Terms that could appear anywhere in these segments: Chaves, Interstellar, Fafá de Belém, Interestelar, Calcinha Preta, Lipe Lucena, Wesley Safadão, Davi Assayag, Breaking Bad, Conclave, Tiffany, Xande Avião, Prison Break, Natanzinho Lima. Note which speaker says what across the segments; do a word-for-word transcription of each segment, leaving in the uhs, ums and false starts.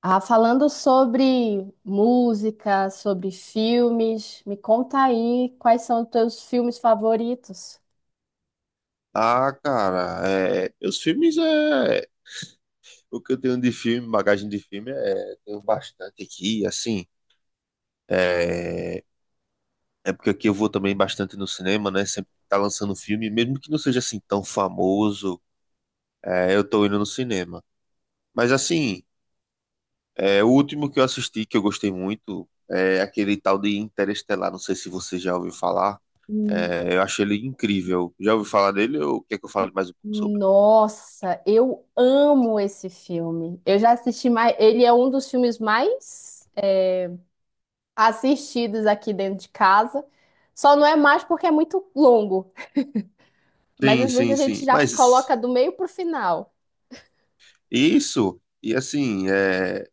Speaker 1: Ah, falando sobre música, sobre filmes, me conta aí quais são os teus filmes favoritos.
Speaker 2: Ah, cara, é, os filmes é. O que eu tenho de filme, bagagem de filme, é. Tenho bastante aqui, assim. É, é porque aqui eu vou também bastante no cinema, né? Sempre tá lançando filme, mesmo que não seja assim tão famoso, é, eu tô indo no cinema. Mas assim, é, o último que eu assisti que eu gostei muito é aquele tal de Interestelar. Não sei se você já ouviu falar.
Speaker 1: Hum.
Speaker 2: É, eu achei ele incrível. Já ouviu falar dele ou quer que eu fale mais um pouco sobre?
Speaker 1: Nossa, eu amo esse filme. Eu já assisti mais. Ele é um dos filmes mais é, assistidos aqui dentro de casa. Só não é mais porque é muito longo. Mas
Speaker 2: Sim,
Speaker 1: às vezes a
Speaker 2: sim,
Speaker 1: gente
Speaker 2: sim.
Speaker 1: já
Speaker 2: Mas.
Speaker 1: coloca do meio pro final.
Speaker 2: Isso, e assim, é,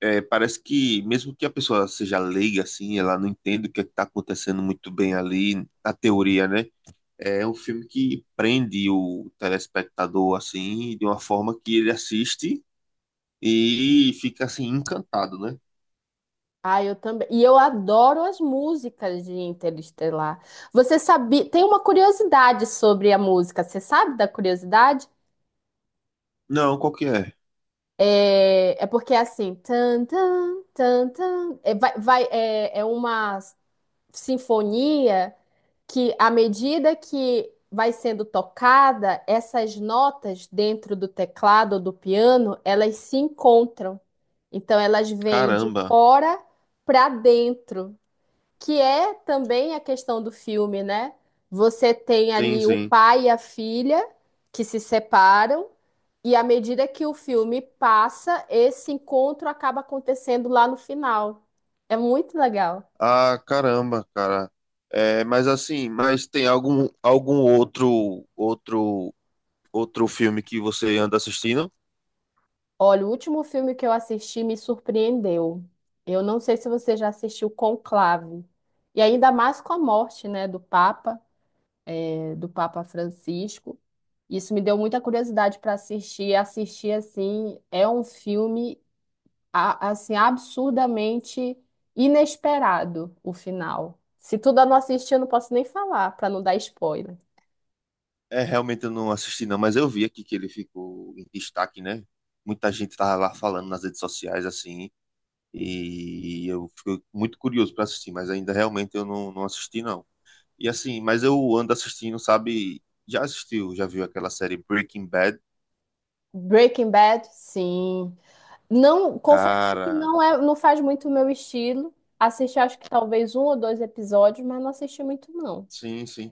Speaker 2: é, parece que mesmo que a pessoa seja leiga, assim, ela não entende o que está acontecendo muito bem ali, na teoria, né? É um filme que prende o telespectador, assim, de uma forma que ele assiste e fica, assim, encantado, né?
Speaker 1: Ah, eu também. E eu adoro as músicas de Interestelar. Você sabia? Tem uma curiosidade sobre a música. Você sabe da curiosidade?
Speaker 2: Não, qual que é?
Speaker 1: É, é porque é assim. Tan, tan, tan, tan. É, vai, vai- é, é uma sinfonia que, à medida que vai sendo tocada, essas notas dentro do teclado ou do piano, elas se encontram. Então, elas vêm de
Speaker 2: Caramba,
Speaker 1: fora para dentro, que é também a questão do filme, né? Você tem
Speaker 2: sim,
Speaker 1: ali o
Speaker 2: sim.
Speaker 1: pai e a filha que se separam, e à medida que o filme passa, esse encontro acaba acontecendo lá no final. É muito legal.
Speaker 2: Ah, caramba, cara. É, mas assim, mas tem algum, algum outro, outro, outro filme que você anda assistindo?
Speaker 1: Olha, o último filme que eu assisti me surpreendeu. Eu não sei se você já assistiu Conclave. E ainda mais com a morte, né, do Papa, eh, do Papa Francisco. Isso me deu muita curiosidade para assistir. Assistir assim é um filme a- assim, absurdamente inesperado o final. Se tu ainda não assistiu, eu não posso nem falar, pra não dar spoiler.
Speaker 2: É, realmente eu não assisti não, mas eu vi aqui que ele ficou em destaque, né? Muita gente tava lá falando nas redes sociais, assim, e eu fico muito curioso para assistir, mas ainda realmente eu não, não assisti não. E assim, mas eu ando assistindo, sabe? Já assistiu, já viu aquela série Breaking Bad?
Speaker 1: Breaking Bad, sim. Não, confesso que
Speaker 2: Cara,
Speaker 1: não é, não faz muito o meu estilo. Assisti, acho que talvez um ou dois episódios, mas não assisti muito, não.
Speaker 2: sim, sim.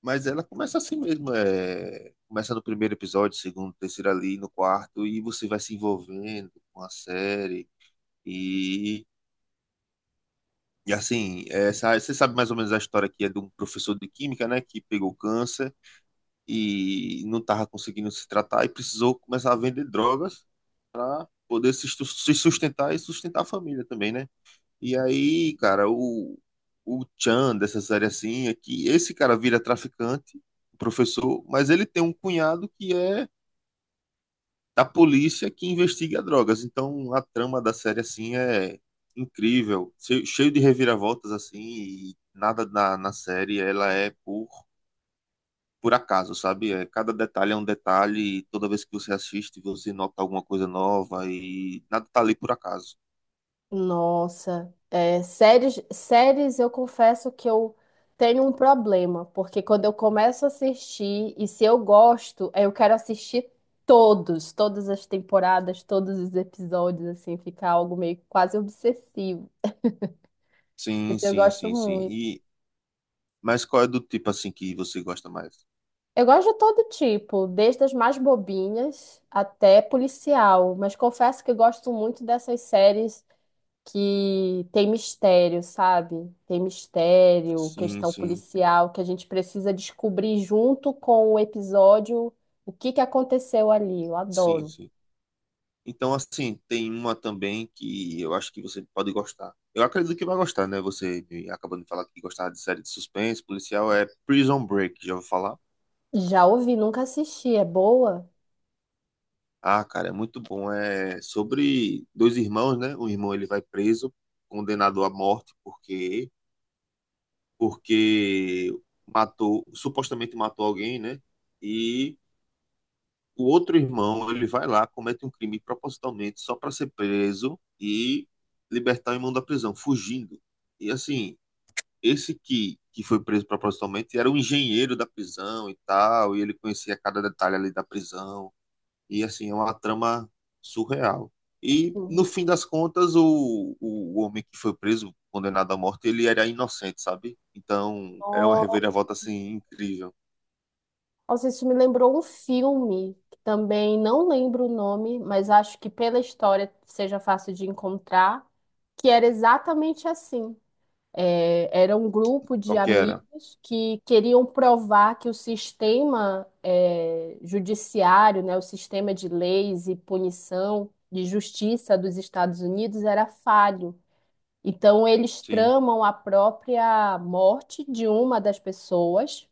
Speaker 2: Mas ela começa assim mesmo, é... Começa no primeiro episódio, segundo, terceiro ali, no quarto, e você vai se envolvendo com a série, e E assim, essa, você sabe mais ou menos a história que é de um professor de química, né, que pegou câncer e não estava conseguindo se tratar e precisou começar a vender drogas para poder se stu- se sustentar e sustentar a família também, né? E aí, cara, o, o Chan dessa série assim é que esse cara vira traficante, professor, mas ele tem um cunhado que é da polícia que investiga drogas. Então a trama da série assim é incrível, che- cheio de reviravoltas assim, e nada na, na série ela é por por acaso, sabe? É, cada detalhe é um detalhe, e toda vez que você assiste, você nota alguma coisa nova e nada tá ali por acaso.
Speaker 1: Nossa, é, séries, séries eu confesso que eu tenho um problema, porque quando eu começo a assistir, e se eu gosto, eu quero assistir todos, todas as temporadas, todos os episódios, assim, ficar algo meio quase obsessivo.
Speaker 2: Sim,
Speaker 1: Mas eu
Speaker 2: sim,
Speaker 1: gosto
Speaker 2: sim, sim.
Speaker 1: muito.
Speaker 2: E mas qual é do tipo assim que você gosta mais?
Speaker 1: Eu gosto de todo tipo, desde as mais bobinhas até policial, mas confesso que eu gosto muito dessas séries que tem mistério, sabe? Tem mistério,
Speaker 2: Sim,
Speaker 1: questão
Speaker 2: sim.
Speaker 1: policial, que a gente precisa descobrir junto com o episódio o que que aconteceu ali. Eu
Speaker 2: Sim,
Speaker 1: adoro.
Speaker 2: sim. Então, assim, tem uma também que eu acho que você pode gostar. Eu acredito que vai gostar, né? Você me acabou de falar que gostava de série de suspense policial, é Prison Break, já ouviu falar?
Speaker 1: Já ouvi, nunca assisti. É boa?
Speaker 2: Ah, cara, é muito bom. É sobre dois irmãos, né? Um irmão ele vai preso, condenado à morte porque porque matou, supostamente matou alguém, né? E o outro irmão, ele vai lá, comete um crime propositalmente só para ser preso e libertar o irmão da prisão, fugindo. E assim, esse que, que foi preso propositalmente era um engenheiro da prisão e tal, e ele conhecia cada detalhe ali da prisão. E assim, é uma trama surreal. E no
Speaker 1: Uhum.
Speaker 2: fim das contas, o, o homem que foi preso, condenado à morte, ele era inocente, sabe? Então, era uma reviravolta assim incrível.
Speaker 1: Nossa, isso me lembrou um filme que também não lembro o nome, mas acho que pela história seja fácil de encontrar, que era exatamente assim. É, era um grupo de
Speaker 2: Qual que era?
Speaker 1: amigos que queriam provar que o sistema é, judiciário, né, o sistema de leis e punição de justiça dos Estados Unidos era falho. Então, eles
Speaker 2: Sim.
Speaker 1: tramam a própria morte de uma das pessoas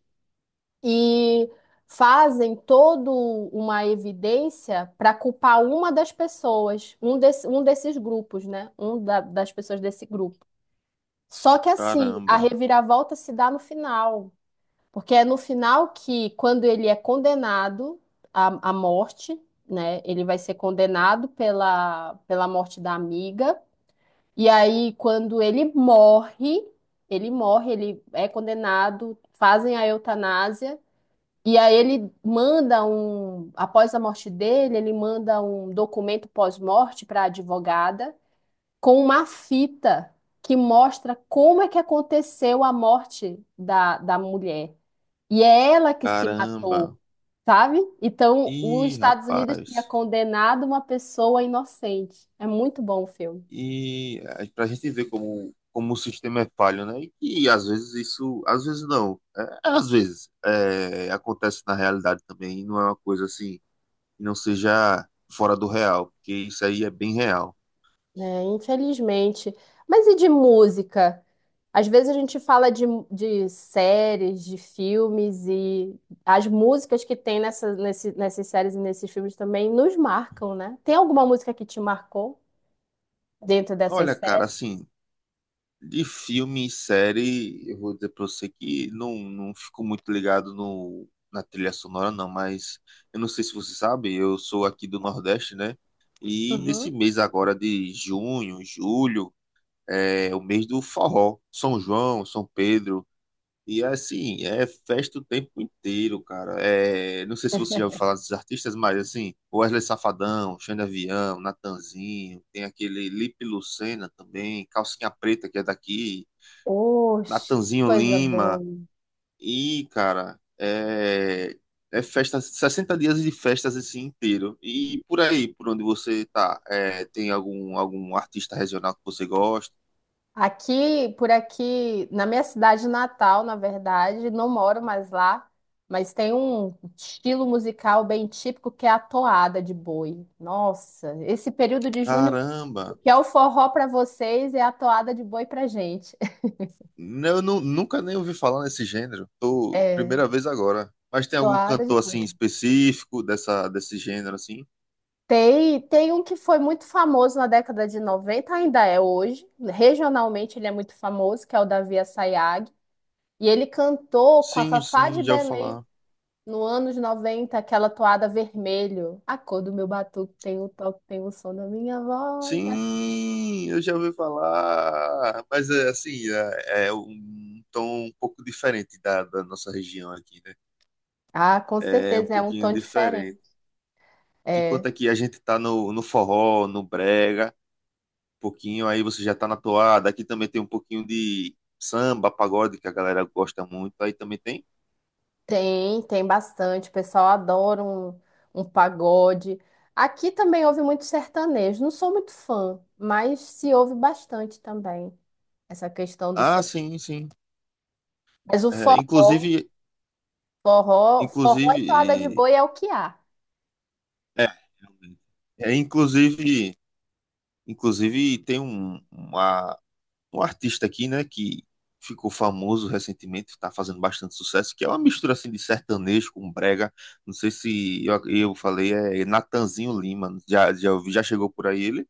Speaker 1: e fazem toda uma evidência para culpar uma das pessoas, um, desse- um desses grupos, né? Um da- das pessoas desse grupo. Só que assim, a
Speaker 2: Caramba.
Speaker 1: reviravolta se dá no final, porque é no final que, quando ele é condenado à, à morte, né? Ele vai ser condenado pela, pela morte da amiga, e aí, quando ele morre, ele morre, ele é condenado, fazem a eutanásia, e aí ele manda um, após a morte dele, ele manda um documento pós-morte para a advogada com uma fita que mostra como é que aconteceu a morte da, da mulher. E é ela que se matou,
Speaker 2: Caramba.
Speaker 1: sabe? Então, os
Speaker 2: Ih,
Speaker 1: Estados Unidos tinha
Speaker 2: rapaz.
Speaker 1: condenado uma pessoa inocente. É muito bom o filme,
Speaker 2: E para a gente ver como, como o sistema é falho, né? E que às vezes isso, às vezes não, é, é às vezes é, acontece na realidade também, e não é uma coisa assim, que não seja fora do real, porque isso aí é bem real.
Speaker 1: né? Infelizmente. Mas e de música? Às vezes a gente fala de, de séries, de filmes, e as músicas que tem nessa, nesse, nessas séries e nesses filmes também nos marcam, né? Tem alguma música que te marcou dentro dessas
Speaker 2: Olha, cara,
Speaker 1: séries?
Speaker 2: assim, de filme e série, eu vou dizer pra você que não, não fico muito ligado no, na, trilha sonora, não, mas eu não sei se você sabe, eu sou aqui do Nordeste, né? E nesse
Speaker 1: Uhum.
Speaker 2: mês agora de junho, julho, é o mês do forró, São João, São Pedro. E assim, é festa o tempo inteiro, cara. É, não sei se você já ouviu falar desses artistas, mas assim, Wesley Safadão, Xande Avião, Natanzinho, tem aquele Lipe Lucena também, Calcinha Preta, que é daqui,
Speaker 1: Oxe,
Speaker 2: Natanzinho
Speaker 1: coisa boa.
Speaker 2: Lima. E, cara, é, é festa, sessenta dias de festas assim inteiro. E por aí, por onde você tá, é, tem algum, algum artista regional que você gosta?
Speaker 1: Aqui, por aqui, na minha cidade natal, na verdade, não moro mais lá, mas tem um estilo musical bem típico que é a toada de boi. Nossa, esse período de junho,
Speaker 2: Caramba!
Speaker 1: o que é o forró para vocês, é a toada de boi pra gente.
Speaker 2: Né, Eu nu- nunca nem ouvi falar nesse gênero. Tô
Speaker 1: É,
Speaker 2: primeira vez agora. Mas tem algum
Speaker 1: Toada de
Speaker 2: cantor assim
Speaker 1: boi.
Speaker 2: específico dessa desse gênero assim?
Speaker 1: Tem, tem um que foi muito famoso na década de noventa, ainda é hoje, regionalmente ele é muito famoso, que é o Davi Assayag. E ele cantou com a
Speaker 2: Sim,
Speaker 1: Fafá
Speaker 2: sim,
Speaker 1: de
Speaker 2: já ouvi
Speaker 1: Belém
Speaker 2: falar.
Speaker 1: no anos noventa aquela toada vermelho. A cor do meu batuque tem o toque, tem o som da minha voz.
Speaker 2: Sim, eu já ouvi falar. Mas é assim, é, é um tom um pouco diferente da, da nossa região aqui, né?
Speaker 1: Ah, com
Speaker 2: É um
Speaker 1: certeza é um tom
Speaker 2: pouquinho diferente.
Speaker 1: diferente.
Speaker 2: Enquanto
Speaker 1: É,
Speaker 2: aqui a gente tá no, no, forró, no brega, um pouquinho aí você já tá na toada. Aqui também tem um pouquinho de samba, pagode que a galera gosta muito. Aí também tem
Speaker 1: tem, tem bastante. O pessoal adora um, um pagode. Aqui também houve muito sertanejo. Não sou muito fã, mas se ouve bastante também essa questão do
Speaker 2: Ah,
Speaker 1: sertanejo.
Speaker 2: sim, sim.
Speaker 1: Mas o
Speaker 2: É,
Speaker 1: forró,
Speaker 2: inclusive,
Speaker 1: forró, forró
Speaker 2: inclusive,
Speaker 1: e toada de boi é o que há.
Speaker 2: é, é, inclusive, inclusive tem um, uma- um artista aqui, né, que ficou famoso recentemente, está fazendo bastante sucesso, que é uma mistura assim de sertanejo com brega. Não sei se eu, eu falei, é Natanzinho Lima. Já, já, ouvi- já chegou por aí ele?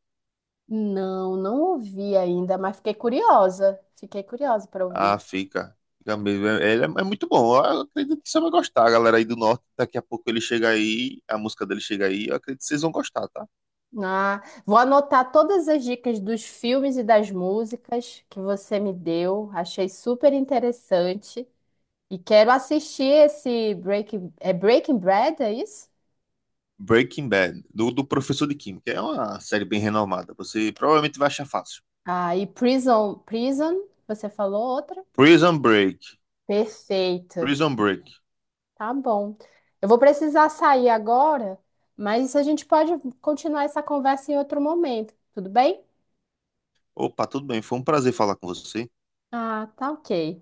Speaker 1: Não, não ouvi ainda, mas fiquei curiosa. Fiquei curiosa para ouvir.
Speaker 2: Ah, fica. Fica mesmo. É- Ele é, é muito bom. Eu acredito que você vai gostar, galera aí do norte. Daqui a pouco ele chega aí, a música dele chega aí. Eu acredito que vocês vão gostar, tá?
Speaker 1: Ah, vou anotar todas as dicas dos filmes e das músicas que você me deu. Achei super interessante. E quero assistir esse Breaking, é Breaking Bad, é isso?
Speaker 2: Breaking Bad, do, do professor de química. É uma série bem renomada. Você provavelmente vai achar fácil.
Speaker 1: Ah, e Prison, Prison, você falou outra?
Speaker 2: Prison Break.
Speaker 1: Perfeito.
Speaker 2: Prison Break.
Speaker 1: Tá bom. Eu vou precisar sair agora, mas a gente pode continuar essa conversa em outro momento, tudo bem?
Speaker 2: Opa, tudo bem. Foi um prazer falar com você.
Speaker 1: Ah, tá ok.